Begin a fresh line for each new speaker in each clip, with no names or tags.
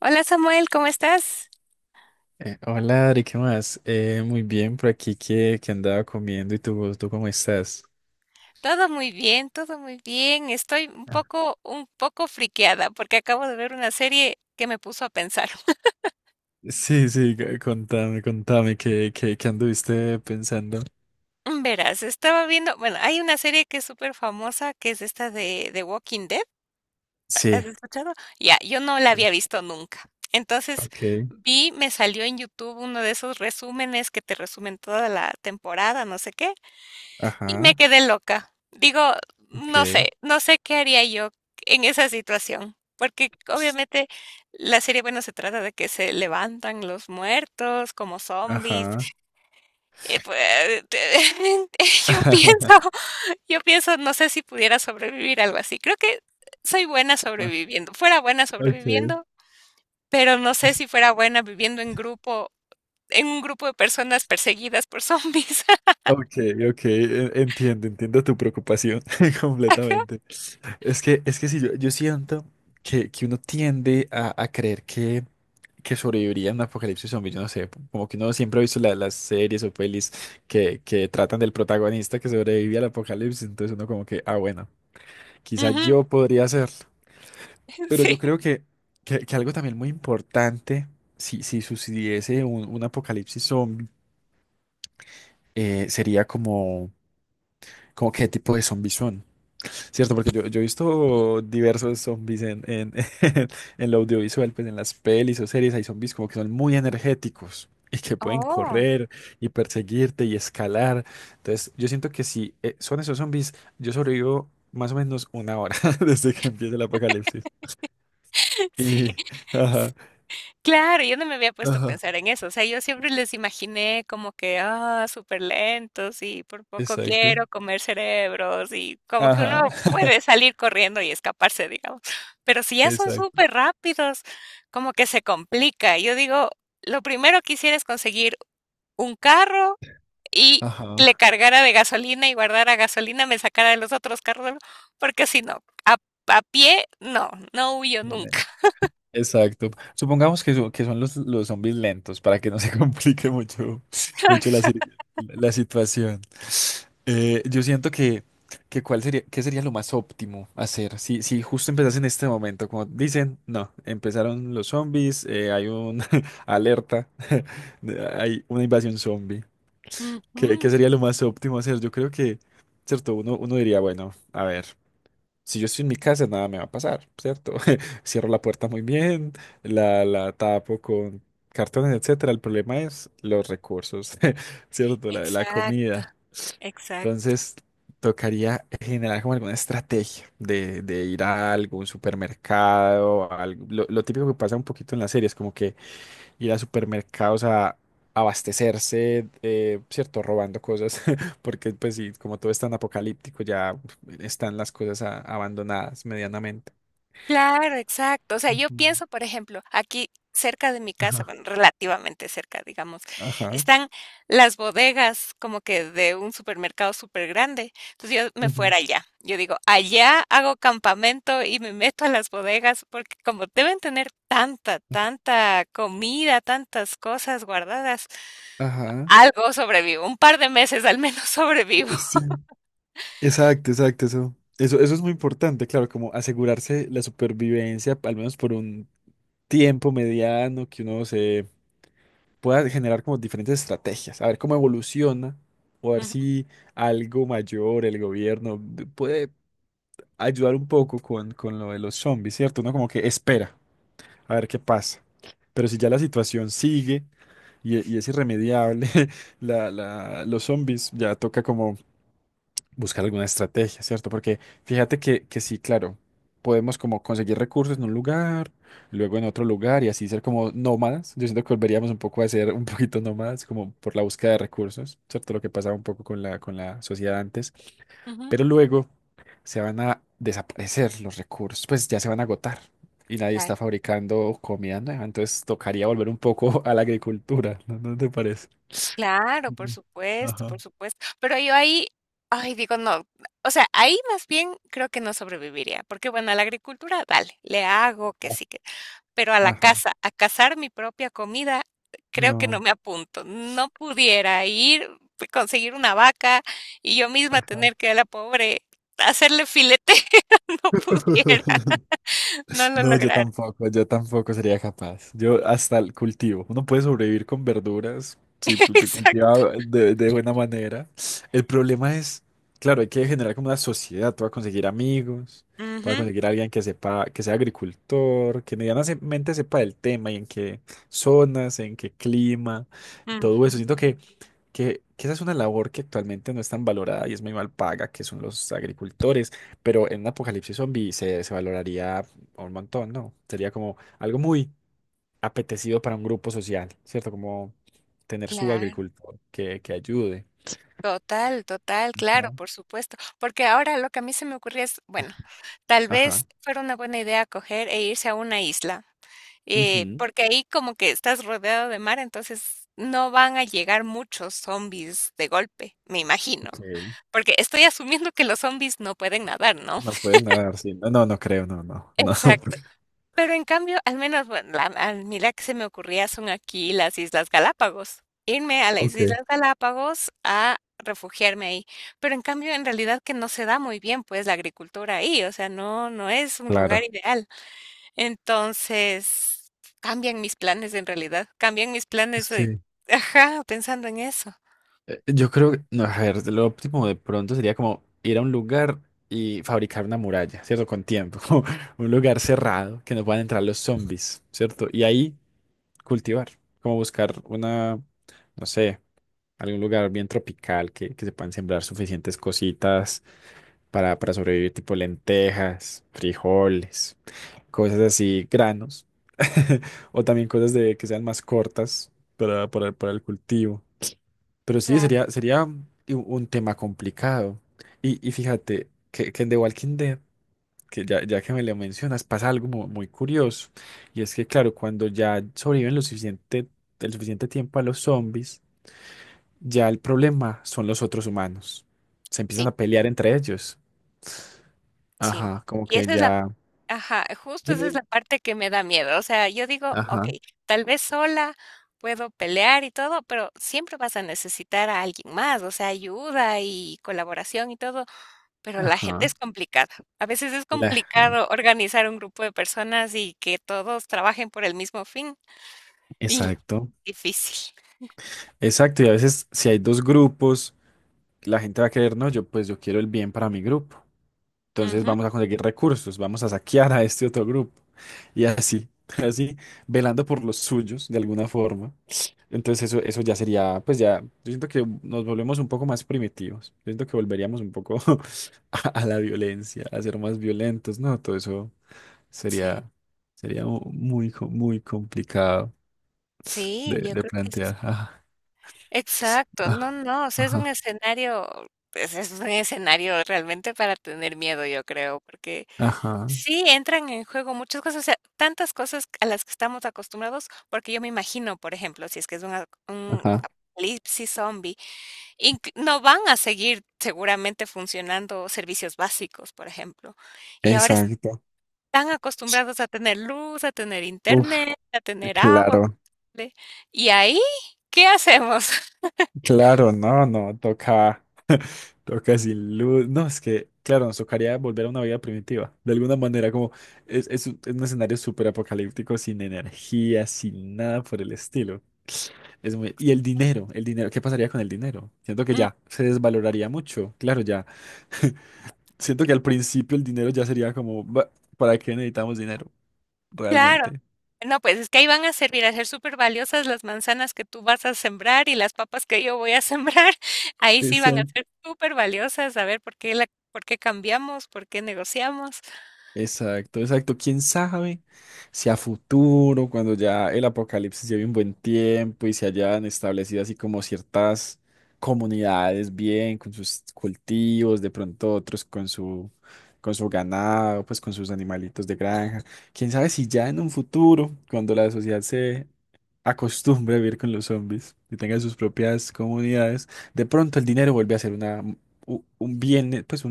Hola Samuel, ¿cómo estás?
Hola Ari, ¿qué más? Muy bien, por aquí que andaba comiendo y tú, ¿tú cómo estás?
Todo muy bien, todo muy bien. Estoy un
Ah.
poco, un poco friqueada porque acabo de ver una serie que me puso a pensar.
Sí, sí, contame, ¿qué anduviste pensando?
Verás, estaba viendo, bueno, hay una serie que es súper famosa, que es esta de Walking Dead. ¿Has
Sí.
escuchado? Ya, yo no la
Sí.
había visto nunca. Entonces
Ok,
vi, me salió en YouTube uno de esos resúmenes que te resumen toda la temporada, no sé qué. Y me
ajá,
quedé loca. Digo, no
ok,
sé, no sé qué haría yo en esa situación, porque obviamente la serie, bueno, se trata de que se levantan los muertos como zombies.
ajá.
Pues, yo pienso, yo pienso, no sé si pudiera sobrevivir algo así. Creo que soy buena sobreviviendo, fuera buena
Okay.
sobreviviendo, pero no sé
es-
si fuera buena viviendo en grupo, en un grupo de personas perseguidas por zombies.
ok, ok, entiendo tu preocupación
Ajá,
completamente. Es que sí, yo siento que uno tiende a creer que sobrevivirían a un apocalipsis zombie, yo no sé, como que uno siempre ha visto las series o pelis que tratan del protagonista que sobrevive al apocalipsis, entonces uno como que, ah, bueno, quizás
ujú,
yo podría hacerlo, pero
sí.
yo creo que algo también muy importante, si, si sucediese un apocalipsis zombie, sería como, como qué tipo de zombies son. Cierto, porque yo he visto diversos zombies en, en lo audiovisual, pues en las pelis o series hay zombies como que son muy energéticos y que pueden
Oh.
correr y perseguirte y escalar. Entonces, yo siento que si son esos zombies, yo sobrevivo más o menos una hora desde que empieza el apocalipsis.
Sí.
Y, ajá,
Claro, yo no me había puesto a
ajá,
pensar en eso. O sea, yo siempre les imaginé como que, ah, súper lentos y por poco
exacto,
quiero comer cerebros y como que
ajá,
uno puede salir corriendo y escaparse, digamos, pero si ya son
exacto,
súper rápidos, como que se complica. Yo digo, lo primero que hiciera es conseguir un carro y le
ajá.
cargara de gasolina y guardara gasolina, me sacara de los otros carros, ¿no? Porque si no, a pie, no, no huyo nunca.
Exacto. Supongamos que, que son los zombies lentos para que no se complique mucho, mucho la, la situación. Yo siento que cuál sería, qué sería lo más óptimo hacer. Si, si justo empezas en este momento, como dicen, no, empezaron los zombies, hay una alerta, hay una invasión zombie. ¿Qué, qué
Ujú.
sería lo más óptimo hacer? Yo creo que, cierto, uno, uno diría, bueno, a ver. Si yo estoy en mi casa, nada me va a pasar, ¿cierto? Cierro la puerta muy bien, la tapo con cartones, etcétera. El problema es los recursos, ¿cierto? La
Exacto,
comida.
exacto.
Entonces, tocaría generar como alguna estrategia de ir a algún supermercado, lo típico que pasa un poquito en las series, como que ir a supermercados a abastecerse, ¿cierto? Robando cosas, porque pues sí, como todo es tan apocalíptico, ya están las cosas abandonadas medianamente.
Claro, exacto. O sea, yo
Ujú.
pienso, por ejemplo, aquí cerca de mi casa,
Ajá.
bueno, relativamente cerca, digamos,
Ajá.
están las bodegas como que de un supermercado súper grande. Entonces yo me
Ujú,
fuera allá. Yo digo, allá hago campamento y me meto a las bodegas porque como deben tener tanta, tanta comida, tantas cosas guardadas,
ajá.
algo sobrevivo. Un par de meses al menos sobrevivo.
Sí. Exacto, exacto, eso. Eso es muy importante, claro, como asegurarse la supervivencia, al menos por un tiempo mediano, que uno se pueda generar como diferentes estrategias, a ver cómo evoluciona o a ver
Ujú,
si algo mayor, el gobierno, puede ayudar un poco con lo de los zombies, ¿cierto? Uno como que espera a ver qué pasa. Pero si ya la situación sigue y es irremediable, la, los zombies ya toca como buscar alguna estrategia, ¿cierto? Porque fíjate que sí, claro, podemos como conseguir recursos en un lugar, luego en otro lugar y así ser como nómadas. Yo siento que volveríamos un poco a ser un poquito nómadas, como por la búsqueda de recursos, ¿cierto? Lo que pasaba un poco con la sociedad antes.
ujú,
Pero luego se van a desaparecer los recursos, pues ya se van a agotar y nadie está fabricando comida nueva, entonces tocaría volver un poco a la agricultura, ¿no, no te parece?
claro, por
Ujú.
supuesto,
Ajá.
por supuesto. Pero yo ahí, ay, digo, no, o sea, ahí más bien creo que no sobreviviría, porque bueno, a la agricultura, dale, le hago que sí que, pero a la
Ajá,
casa, a cazar mi propia comida, creo que no
no.
me apunto. No pudiera ir, pues, conseguir una vaca y yo misma tener que a la pobre hacerle filete, no pudiera, no lo
No,
lograr.
yo tampoco sería capaz. Yo hasta el cultivo. Uno puede sobrevivir con verduras si pues, se
Exacto.
cultiva de buena manera. El problema es, claro, hay que generar como una sociedad. Tú vas a conseguir amigos, tú vas
Ujú,
a conseguir alguien que sepa, que sea agricultor, que medianamente sepa del tema y en qué zonas, en qué clima, todo eso.
ujú,
Siento que que esa es una labor que actualmente no es tan valorada y es muy mal paga, que son los agricultores, pero en un apocalipsis zombie se, se valoraría un montón, ¿no? Sería como algo muy apetecido para un grupo social, ¿cierto? Como tener su
claro.
agricultor que ayude.
Total, total, claro,
Ajá.
por supuesto. Porque ahora lo que a mí se me ocurría es, bueno, tal vez
Ajá.
fuera una buena idea coger e irse a una isla,
Ujú.
porque ahí como que estás rodeado de mar, entonces no van a llegar muchos zombies de golpe, me imagino.
Ok.
Porque estoy asumiendo que los zombies no pueden nadar, ¿no?
No puedes nadar, sí. No, no, no creo, no, no, no.
Exacto. Pero en cambio, al menos, bueno, a mí la que se me ocurría son aquí las Islas Galápagos. Irme a las
Ok.
Islas Galápagos a refugiarme ahí. Pero en cambio, en realidad que no se da muy bien, pues, la agricultura ahí. O sea, no, no es un lugar
Claro.
ideal. Entonces, cambian mis planes en realidad, cambian mis planes,
Sí.
ajá, pensando en eso.
Yo creo que, no, a ver, lo óptimo de pronto sería como ir a un lugar y fabricar una muralla, ¿cierto? Con tiempo, como un lugar cerrado que no puedan entrar los zombies, ¿cierto? Y ahí cultivar, como buscar una, no sé, algún lugar bien tropical que se puedan sembrar suficientes cositas para sobrevivir, tipo lentejas, frijoles, cosas así, granos, o también cosas de, que sean más cortas para el cultivo. Pero sí,
Claro.
sería, sería un tema complicado. Y fíjate que en The Walking Dead, que ya, ya que me lo mencionas, pasa algo muy curioso. Y es que, claro, cuando ya sobreviven lo suficiente, el suficiente tiempo a los zombies, ya el problema son los otros humanos. Se empiezan
Sí,
a pelear entre ellos.
sí.
Ajá, como
Y
que
esa es la
ya.
ajá, justo
Dime,
esa es
dime.
la parte que me da miedo. O sea, yo digo,
Ajá,
okey, tal vez sola puedo pelear y todo, pero siempre vas a necesitar a alguien más, o sea, ayuda y colaboración y todo, pero la gente es
ajá.
complicada. A veces es
La-
complicado organizar un grupo de personas y que todos trabajen por el mismo fin, y
Exacto,
difícil.
exacto. Y a veces si hay dos grupos, la gente va a querer, no, yo pues yo quiero el bien para mi grupo. Entonces
Ujú,
vamos a conseguir recursos, vamos a saquear a este otro grupo. Y así, así, velando por los suyos de alguna forma. Entonces eso ya sería, pues ya, yo siento que nos volvemos un poco más primitivos. Yo siento que volveríamos un poco a la violencia, a ser más violentos, ¿no? Todo eso
sí.
sería, sería muy, muy complicado
Sí, yo
de
creo que es
plantear. Ah,
exacto. No,
ah,
no, o sea, es un
ajá,
escenario, pues, es un escenario realmente para tener miedo, yo creo, porque
ajá,
sí, entran en juego muchas cosas. O sea, tantas cosas a las que estamos acostumbrados, porque yo me imagino, por ejemplo, si es que es un
ajá.
apocalipsis zombie, inc no van a seguir seguramente funcionando servicios básicos, por ejemplo. Y ahora
Exacto.
están acostumbrados a tener luz, a tener
Uf,
internet, a tener agua
claro.
potable, y ahí, ¿qué hacemos?
Claro, no, no, toca, toca sin luz. No, es que, claro, nos tocaría volver a una vida primitiva. De alguna manera, como es un escenario súper apocalíptico, sin energía, sin nada por el estilo. Es muy... Y el dinero, ¿qué pasaría con el dinero? Siento que
Mm,
ya se desvaloraría mucho. Claro, ya. Siento que al principio el dinero ya sería como, "Bah, ¿para qué necesitamos dinero?
claro.
Realmente.
No, pues es que ahí van a servir a ser súper valiosas las manzanas que tú vas a sembrar y las papas que yo voy a sembrar. Ahí sí van a
Exacto.
ser súper valiosas, a ver por qué por qué cambiamos, por qué negociamos.
Exacto, exacto. ¿Quién sabe si a futuro, cuando ya el apocalipsis lleve un buen tiempo y se hayan establecido así como ciertas comunidades bien con sus cultivos, de pronto otros con su ganado, pues con sus animalitos de granja. ¿Quién sabe si ya en un futuro, cuando la sociedad se acostumbre a vivir con los zombies y tenga sus propias comunidades, de pronto el dinero vuelve a ser una un bien, pues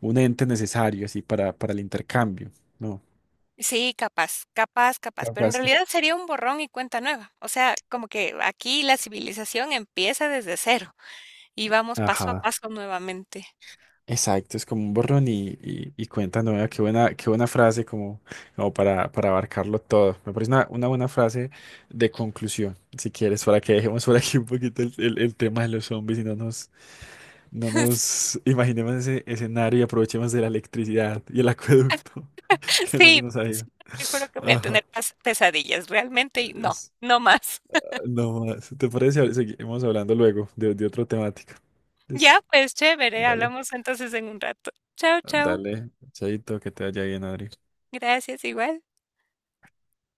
un ente necesario así para el intercambio, ¿no?
Sí, capaz, capaz, capaz, pero en
Capaz que...
realidad sería un borrón y cuenta nueva. O sea, como que aquí la civilización empieza desde cero y vamos paso a
Ajá,
paso nuevamente.
exacto, es como un borrón y cuenta nueva, qué buena frase como, como para abarcarlo todo. Me parece una buena frase de conclusión, si quieres, para que dejemos por aquí un poquito el, el tema de los zombies y no nos, no nos imaginemos ese escenario y aprovechemos de la electricidad y el acueducto que no se
Sí,
nos ha
porque si
ido.
no, te juro que voy a
Ajá.
tener pesadillas, realmente, y no, no más.
No más. ¿Te parece? Seguimos hablando luego de otra temática.
Ya,
Listo.
pues chévere,
Dale.
hablamos entonces en un rato. Chao, chao.
Dale. Chaito, que te vaya bien, Adri.
Gracias, igual.